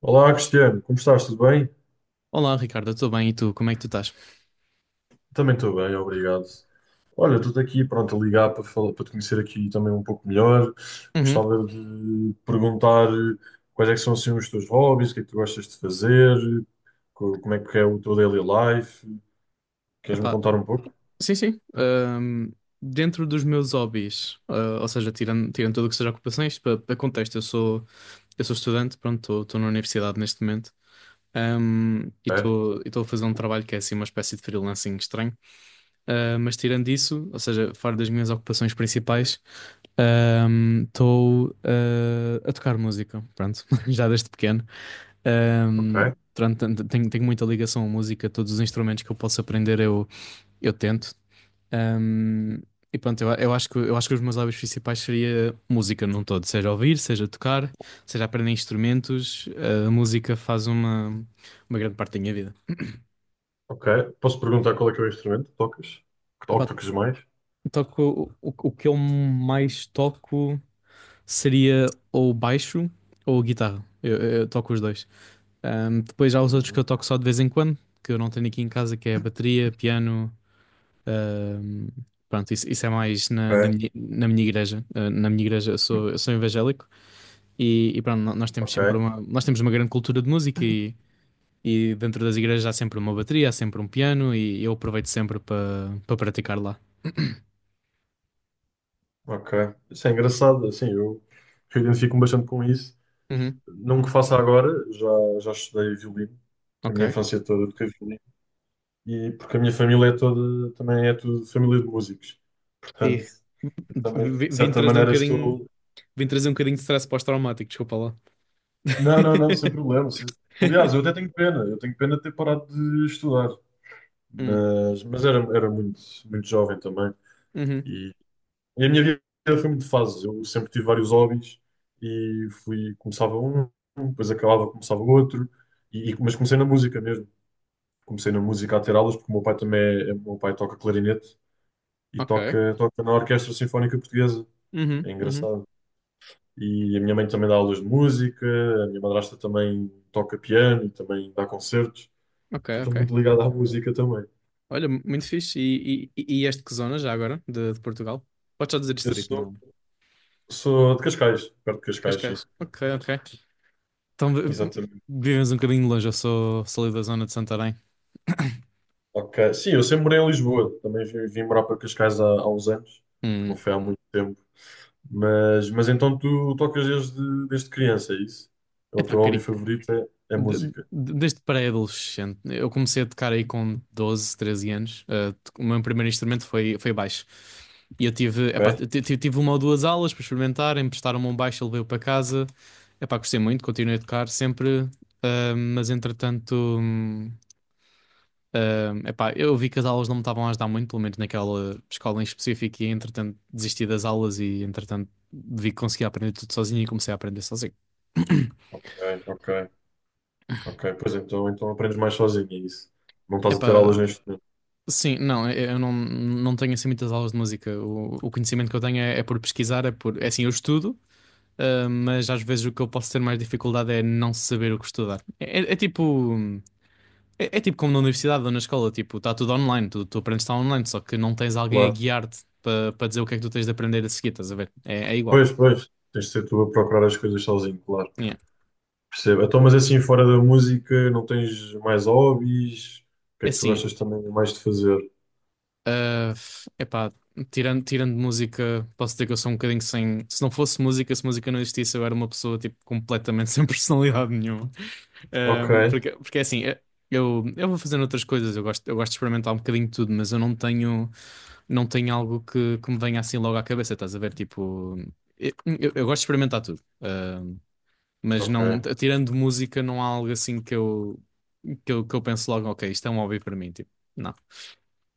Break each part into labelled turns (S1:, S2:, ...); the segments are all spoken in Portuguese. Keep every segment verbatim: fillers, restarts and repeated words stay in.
S1: Olá, Cristiano, como estás? Tudo bem?
S2: Olá, Ricardo, tudo bem? E tu, como é que tu estás?
S1: Também estou bem, obrigado. Olha, estou aqui, pronto, a ligar para falar, para te conhecer aqui também um pouco melhor.
S2: Uhum.
S1: Gostava de perguntar eh, quais é que são assim, os teus hobbies, o que é que tu gostas de fazer, co- como é que é o teu daily life. Queres-me
S2: Epá,
S1: contar um pouco?
S2: sim, sim. Ahm, dentro dos meus hobbies, ah, ou seja, tirando, tirando tudo o que seja ocupações, para contexto, eu sou, eu sou estudante, pronto, estou na universidade neste momento. Ahm, e
S1: É,
S2: estou estou a fazer um trabalho que é assim uma espécie de freelancing estranho. Uh, mas tirando isso, ou seja, fora das minhas ocupações principais, estou ah, a tocar música, pronto, já desde pequeno. Um,
S1: ok,
S2: pronto, tanto- tenho, tenho muita ligação à música, todos os instrumentos que eu posso aprender eu, eu tento. Um, e pronto, eu, eu acho que, eu acho que os meus hobbies principais seria música num todo, seja ouvir, seja tocar, seja aprender instrumentos, ah, a música faz uma, uma grande parte da minha vida.
S1: ok. Posso perguntar qual é que é o instrumento que tocas? Que to- que
S2: Epá,
S1: tocas mais?
S2: toco, o, o o que eu mais toco seria ou baixo ou guitarra. Eu, eu toco os dois. Ahm, depois há os outros que eu
S1: Uhum.
S2: toco só de vez em quando, que eu não tenho aqui em casa, que é bateria, piano. ahm, Pronto, isso, isso é mais na, na
S1: Ok,
S2: minha, na minha igreja. Ah, na minha igreja eu sou, eu sou evangélico e, e pronto, nós temos sempre
S1: ok,
S2: uma, nós temos uma grande cultura de música e, e dentro das igrejas há sempre uma bateria, há sempre um piano e eu aproveito sempre para para praticar lá.
S1: ok. Isso é engraçado, assim, eu eu identifico-me bastante com isso.
S2: Uhum,
S1: Não que faça agora, já, já estudei violino, a minha
S2: ok.
S1: infância toda toquei violino, e porque a minha família é toda, também é tudo família de músicos,
S2: E
S1: portanto, também,
S2: v-
S1: de
S2: vim
S1: certa
S2: trazer um
S1: maneira,
S2: bocadinho
S1: estou.
S2: Vim trazer um bocadinho de stress pós-traumático, desculpa lá.
S1: Não, não, não, sem problema. sem- Aliás, eu até tenho pena, eu tenho pena de ter parado de estudar,
S2: Hum,
S1: mas, mas era, era muito, muito jovem também,
S2: uhum,
S1: e, e a minha vida foi muito de fases, eu sempre tive vários hobbies, e fui, começava um, depois acabava, começava outro, e, e- mas comecei na música mesmo. Comecei na música a ter aulas, porque o meu pai também é, o meu pai toca clarinete e
S2: ok.
S1: toca, toca na Orquestra Sinfónica Portuguesa.
S2: Uhum,
S1: É
S2: uhum,
S1: engraçado. E a minha mãe também dá aulas de música, a minha madrasta também toca piano e também dá concertos.
S2: ok,
S1: Então estou
S2: ok.
S1: muito ligado à música também.
S2: Olha, muito fixe. E, e, e este que zona já agora, de, de Portugal? Podes só dizer
S1: Eu
S2: distrito,
S1: sou,
S2: não? De
S1: sou de Cascais, perto de Cascais, sim.
S2: Cascais. Ok, ok. Então, vi-
S1: Exatamente.
S2: vivemos um bocadinho longe, eu sou, sou ali da zona de Santarém.
S1: Ok. Sim, eu sempre morei em Lisboa. Também vim, vim morar para Cascais há, há uns anos.
S2: Hum.
S1: Não foi há muito tempo. Mas, mas então tu tocas desde, desde criança, é isso? É o
S2: Epá,
S1: teu hobby
S2: queria,
S1: favorito é, é
S2: De-
S1: música.
S2: de- Desde pré-adolescente, eu comecei a tocar aí com doze treze anos. Uh, to- o meu primeiro instrumento foi, foi baixo. E eu tive, epá,
S1: É?
S2: t- t- tive uma ou duas aulas para experimentar, emprestaram-me um baixo, eu levei-o para casa. Epá, gostei muito, continuei a tocar sempre, uh, mas entretanto, hum, uh, epá, eu vi que as aulas não me estavam a ajudar muito, pelo menos naquela escola em específico, e entretanto desisti das aulas e entretanto vi que conseguia aprender tudo sozinho e comecei a aprender sozinho.
S1: É, ok, ok. Pois então, então aprendes mais sozinho, é isso. Não estás a ter aulas
S2: Epá,
S1: neste momento.
S2: sim, não, eu eu não, não tenho assim muitas aulas de música. O, o conhecimento que eu tenho é, é por pesquisar, é por. É assim, eu estudo, ah, mas às vezes o que eu posso ter mais dificuldade é não saber o que estudar. É, é- é tipo. É, é tipo como na universidade ou na escola, tipo, está tudo online, tu, tu aprendes está online, só que não tens alguém a
S1: Claro.
S2: guiar-te para dizer o que é que tu tens de aprender a seguir, estás a ver? É, é igual.
S1: Pois, pois, tens de ser tu a procurar as coisas sozinho, claro.
S2: Yeah.
S1: Percebo. Então, mas assim, fora da música, não tens mais hobbies? O que é
S2: É
S1: que tu
S2: assim,
S1: gostas também mais de fazer?
S2: Ah, epá, tirando, tirando música, posso dizer que eu sou um bocadinho sem. Se não fosse música, se música não existisse, eu era uma pessoa tipo, completamente sem personalidade nenhuma. Ah,
S1: Ok,
S2: porque, porque é assim, eh, eu, eu vou fazendo outras coisas, eu gosto, eu gosto de experimentar um bocadinho de tudo, mas eu não tenho, não tenho algo que, que me venha assim logo à cabeça, estás a ver? Tipo, eu, eu- eu gosto de experimentar tudo. Ah, mas não,
S1: ok,
S2: t- tirando música, não há algo assim que eu, que eu, que eu penso logo, ok, isto é um hobby para mim, tipo, não.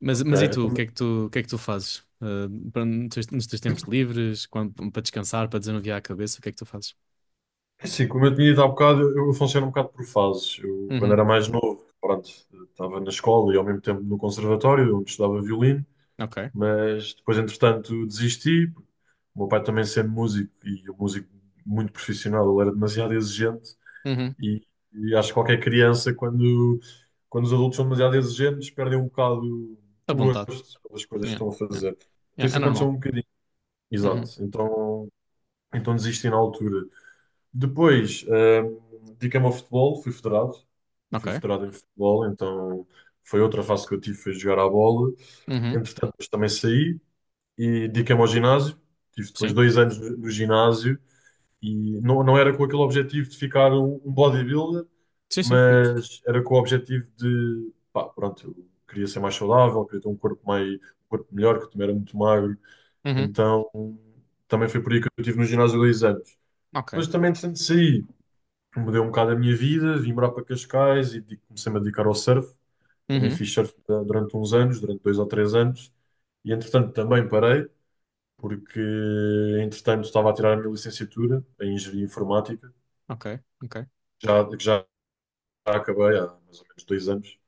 S2: Mas,
S1: ok.
S2: mas e tu, o que
S1: Então,
S2: é que tu, o que é que tu fazes? Ah, para- nos teus, nos teus tempos livres, quando- para descansar, para desanuviar a cabeça, o que é que tu fazes?
S1: é assim, como eu tinha dito há bocado, eu, eu funciono um bocado por fases. Eu, quando
S2: Uhum,
S1: era mais novo, pronto, estava na escola e ao mesmo tempo no conservatório, onde estudava violino.
S2: ok.
S1: Mas depois, entretanto, desisti. O meu pai também sendo músico e um músico muito profissional, ele era demasiado exigente
S2: Uhum,
S1: e, e acho que qualquer criança, quando, quando os adultos são demasiado exigentes, perdem um bocado
S2: à
S1: o
S2: vontade.
S1: gosto pelas coisas que
S2: Yeah,
S1: estão a
S2: yeah.
S1: fazer. Então,
S2: Yeah, é
S1: isso aconteceu
S2: normal.
S1: um bocadinho. Exato.
S2: Uhum,
S1: Então, então desisti na altura. Depois, hum, dediquei-me ao futebol, fui federado. Fui
S2: ok.
S1: federado em futebol, então foi outra fase que eu tive, foi jogar à bola.
S2: Uhum,
S1: Entretanto, depois também saí e dediquei-me ao ginásio. Tive depois
S2: sim.
S1: dois anos no, no ginásio e não, não era com aquele objetivo de ficar um, um bodybuilder,
S2: Sim, sim.
S1: mas era com o objetivo de, pá, pronto, eu queria ser mais saudável, queria ter um corpo mais, um corpo melhor, que eu também era muito magro.
S2: Uhum,
S1: Então também foi por aí que eu tive no ginásio dois anos.
S2: ok.
S1: Depois também, entretanto, saí, mudei um bocado a minha vida, vim morar para Cascais e de- comecei-me a dedicar ao surf. Também
S2: Uhum,
S1: fiz surf da- durante uns anos, durante dois ou três anos, e entretanto também parei porque entretanto estava a tirar a minha licenciatura em Engenharia Informática,
S2: ok, ok.
S1: já, que já acabei há mais ou menos dois anos,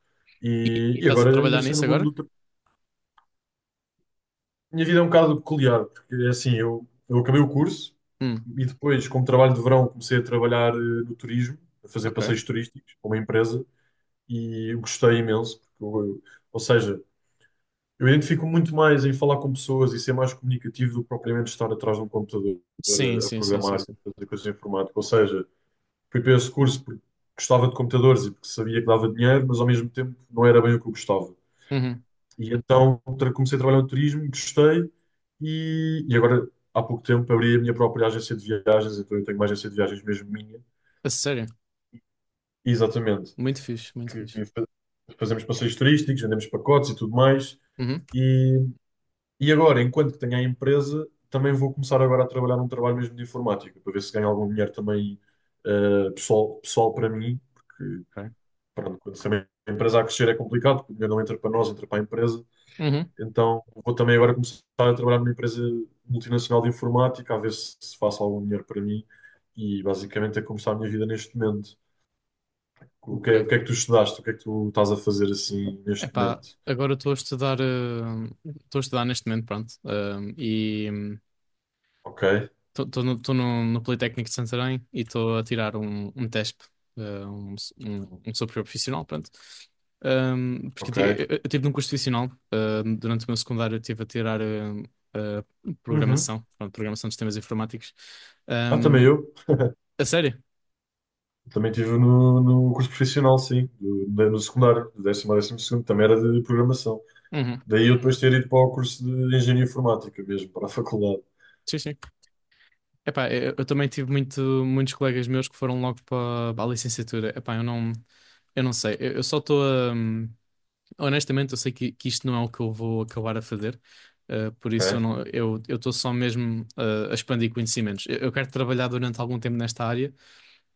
S2: E, e
S1: e, e
S2: estás a
S1: agora
S2: trabalhar
S1: ingressei
S2: nisso
S1: no mundo
S2: agora?
S1: do trabalho. Minha vida é um bocado peculiar, porque é assim, eu, eu acabei o curso
S2: Hum,
S1: e depois, como trabalho de verão, comecei a trabalhar eh, no turismo, a fazer
S2: ok.
S1: passeios turísticos para uma empresa, e eu gostei imenso, porque eu- eu- ou seja, eu identifico muito mais em falar com pessoas e ser mais comunicativo do que propriamente estar atrás de um computador
S2: Sim,
S1: a, a
S2: sim, sim, sim,
S1: programar, a
S2: sim.
S1: fazer coisas informáticas. Ou seja, fui para esse curso porque gostava de computadores e porque sabia que dava dinheiro, mas ao mesmo tempo não era bem o que eu gostava.
S2: Uhum,
S1: E então tra- comecei a trabalhar no turismo, gostei e, e agora há pouco tempo abri a minha própria agência de viagens, então eu tenho uma agência de viagens mesmo minha,
S2: a sério?
S1: exatamente,
S2: Muito fixe, muito fixe.
S1: que fa- fazemos passeios turísticos, vendemos pacotes e tudo mais.
S2: Uhum.
S1: E, e agora, enquanto que tenho a empresa, também vou começar agora a trabalhar num trabalho mesmo de informática, para ver se ganho algum dinheiro também eh, pessoal, pessoal para mim, porque
S2: Ok.
S1: pronto, quando também a empresa a crescer é complicado, porque o dinheiro não entra para nós, entra para a empresa.
S2: Uhum,
S1: Então vou também agora começar a trabalhar numa empresa multinacional de informática, a ver se, se faço algum dinheiro para mim e basicamente é como está a minha vida neste momento. O que
S2: ok.
S1: é, o que é que tu estudaste? O que é que tu estás a fazer assim neste
S2: Epá,
S1: momento?
S2: agora estou a estudar, eh, estou a estudar neste momento, pronto. Eh, e
S1: Ok,
S2: estou no, tô no, no Politécnico de Santarém e estou a tirar um, um tésp, eh, um, s- um, um superior profissional, pronto. Um, porque eu,
S1: ok.
S2: ti- eu, eu tive num curso profissional, eh, durante o meu secundário eu estive a tirar eh, eh,
S1: Uhum.
S2: programação, pronto, programação de sistemas informáticos.
S1: Ah,
S2: Um,
S1: também eu.
S2: a sério?
S1: Também estive no, no curso profissional, sim, do- da- no secundário, do décimo a décimo segundo, também era de programação.
S2: Uhum.
S1: Daí eu depois ter ido para o curso de engenharia informática mesmo, para a faculdade.
S2: Sim, sim. Epá, eu, eu também tive muito, muitos colegas meus que foram logo para, para a licenciatura. Epá, eu não, eu não sei. Eu, eu só estou a. Honestamente, eu sei que, que isto não é o que eu vou acabar a fazer. Eh, por isso eu
S1: Ok?
S2: não, eu eu estou só mesmo eh, a expandir conhecimentos. Eu, eu quero trabalhar durante algum tempo nesta área,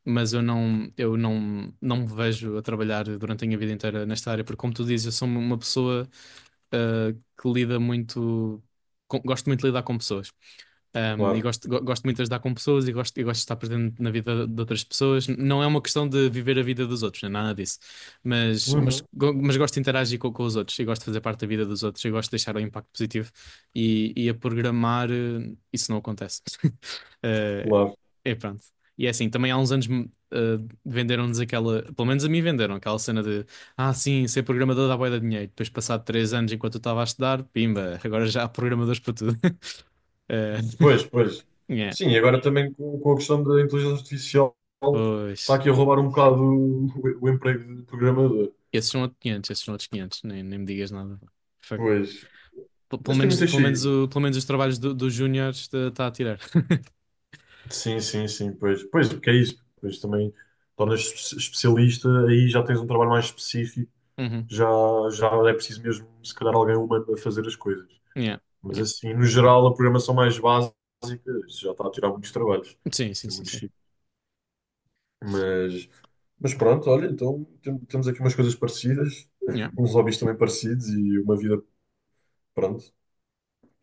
S2: mas eu não, eu não, não me vejo a trabalhar durante a minha vida inteira nesta área, porque como tu dizes, eu sou uma pessoa ah, que lida muito. Com- gosto muito de lidar com pessoas. Um, e
S1: Claro,
S2: gosto, go- gosto muito de ajudar com pessoas e gosto, e gosto de estar presente na vida de outras pessoas. Não é uma questão de viver a vida dos outros, não é nada disso. Mas, mas,
S1: uhum.
S2: go- mas gosto de interagir com, com os outros e gosto de fazer parte da vida dos outros e gosto de deixar um impacto positivo. E, e a programar, eh, isso não acontece. Eh,
S1: Claro.
S2: é pronto. E é assim, também há uns anos me- eh, venderam-nos aquela, pelo menos a mim venderam aquela cena de ah, sim, ser programador dá bué de dinheiro. Depois, passado três anos, enquanto eu estava a estudar, pimba, agora já há programadores para tudo. Eh,
S1: Pois, pois.
S2: yeah,
S1: Sim, e agora também com, com a questão da inteligência artificial está
S2: pois.
S1: aqui a roubar um bocado o, o emprego de programador.
S2: Esses são outros quinhentos, esses são outros quinhentos. Nem, nem me digas nada. Fuck.
S1: Pois.
S2: P- Pelo
S1: Mas tem
S2: menos,
S1: muitas
S2: pelo menos,
S1: saídas.
S2: o, pelo menos os trabalhos do- dos júniores está a tirar.
S1: Sim, sim, sim, pois. Pois, porque é isso. Pois também tornas espe- especialista, aí já tens um trabalho mais específico,
S2: Uhum.
S1: já, já é preciso mesmo, se calhar, alguém humano a fazer as coisas.
S2: Yeah,
S1: Mas
S2: yeah.
S1: assim, no geral, a programação mais básica, isso já está a tirar muitos trabalhos.
S2: Sim, sim,
S1: Tem
S2: sim,
S1: muitos.
S2: sim.
S1: Mas, mas pronto, olha, então tem- temos aqui umas coisas parecidas,
S2: Yeah,
S1: uns hobbies também parecidos e uma vida, pronto,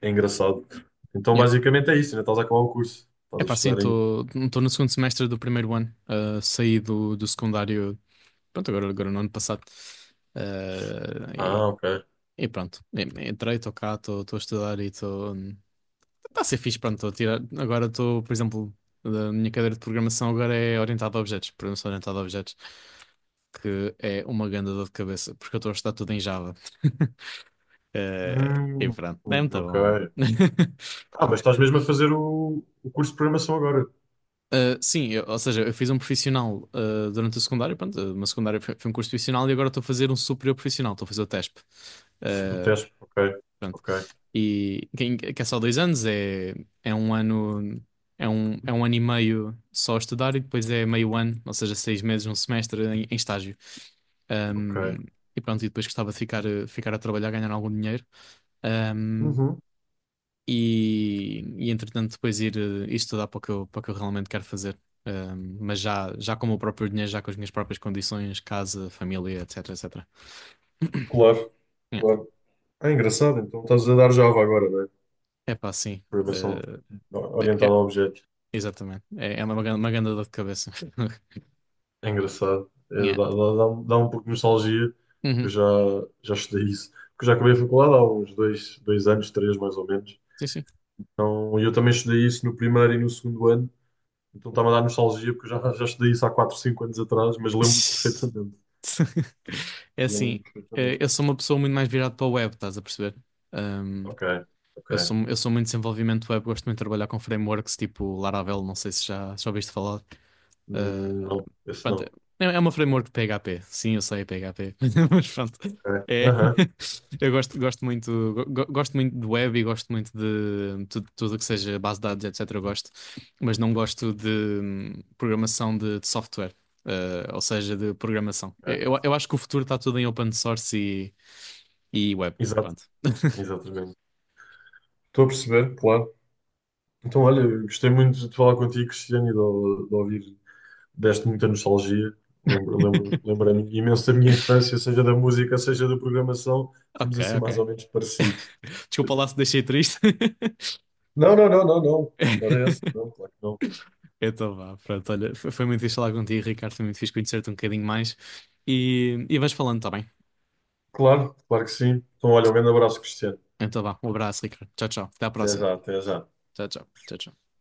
S1: é engraçado. Então
S2: yeah.
S1: basicamente é isso, ainda estás a acabar o curso, estás a
S2: Epá, sim,
S1: estudar ainda.
S2: estou no segundo semestre do primeiro ano. Ah, saí do, do secundário. Pronto, agora, agora no ano passado. Ah, e,
S1: Ah, ok.
S2: e pronto, E- entrei, estou cá, estou estou a estudar e estou. Está a ser fixe, pronto, estou a tirar. Agora estou, por exemplo, a minha cadeira de programação agora é orientada a objetos, programação orientada a objetos, que é uma grande dor de cabeça, porque eu estou a estudar tudo em Java. Eh, e
S1: Hum,
S2: pronto, é muito
S1: ok.
S2: bom, é.
S1: Ah, mas estás mesmo a fazer o, o curso de programação agora,
S2: Eh, sim, eu- ou seja, eu fiz um profissional eh, durante a secundária, pronto, uma secundária foi, foi um curso profissional e agora estou a fazer um superior profissional, estou a fazer o tésp.
S1: o
S2: Uh,
S1: teste, ok,
S2: Pronto.
S1: ok,
S2: E quem- que é só dois anos, é, é um ano, é um, é um ano e meio só a estudar e depois é meio ano, ou seja, seis meses, um semestre em, em estágio. Um,
S1: ok.
S2: e pronto, e depois gostava de ficar, eh, ficar a trabalhar, ganhar algum dinheiro. Um,
S1: Uhum.
S2: e, e entretanto depois ir, eh, ir estudar para o que eu, para o que eu realmente quero fazer. Um, mas já, já com o meu próprio dinheiro, já com as minhas próprias condições, casa, família, etc, etecetera.
S1: Claro, claro. É engraçado, então estás a dar Java agora, não é?
S2: É pá, sim.
S1: Programação
S2: Eh,
S1: orientada
S2: é,
S1: a objetos.
S2: Exatamente. É, é uma, gran- uma grande dor de cabeça.
S1: É engraçado. É, dá,
S2: Yeah.
S1: dá, dá um dá um pouco de nostalgia, que eu
S2: Uhum.
S1: já, já estudei isso. Porque eu já acabei a faculdade há uns dois, dois anos, três mais ou menos.
S2: Sim, sim.
S1: Então, eu também estudei isso no primeiro e no segundo ano. Então está-me a dar nostalgia, porque eu já, já estudei isso há quatro, cinco anos atrás, mas lembro-me perfeitamente.
S2: É
S1: Lembro-me
S2: assim, eh, eu
S1: perfeitamente.
S2: sou uma pessoa muito mais virada para o web, estás a perceber? Um,
S1: Ok, ok.
S2: eu sou, eu sou muito desenvolvimento web, gosto muito de trabalhar com frameworks tipo Laravel, não sei se já, já ouviste falar. Eh,
S1: Hum, não, esse
S2: Pronto, é
S1: não.
S2: é uma framework P H P. Sim, eu sei P H P, mas pronto.
S1: Ok.
S2: É.
S1: Aham,
S2: Eu gosto, gosto muito, go- go- gosto muito de web e gosto muito de tudo, tudo que seja base de dados, etecetera. Eu gosto, mas não gosto de hum, programação de, de software, eh, ou seja, de programação.
S1: ok.
S2: Eu, eu acho que o futuro está tudo em open source e, e web.
S1: Exato,
S2: Pronto.
S1: exatamente. Estou a perceber, claro. Então, olha, eu gostei muito de falar contigo, Cristiano, e de, de ouvir deste muita nostalgia. Lembro, lembro, lembrei-me imenso da minha infância, seja da música, seja da programação. Estamos
S2: Ok,
S1: assim
S2: ok.
S1: mais ou menos parecidos.
S2: Desculpa lá se deixei triste.
S1: Não, não, não, não, não. Não era essa. Não, claro que não.
S2: Então vá, pronto, olha, foi foi muito fixe falar contigo, Ricardo, foi muito fixe conhecer-te um bocadinho mais e, e vais falando, tá bem?
S1: Claro, claro que sim. Então, olha, um grande abraço, Cristiano.
S2: Então vá, um abraço, Ricardo. Tchau, tchau. Até à
S1: Até
S2: próxima.
S1: já, até já.
S2: Tchau, tchau. Tchau, tchau.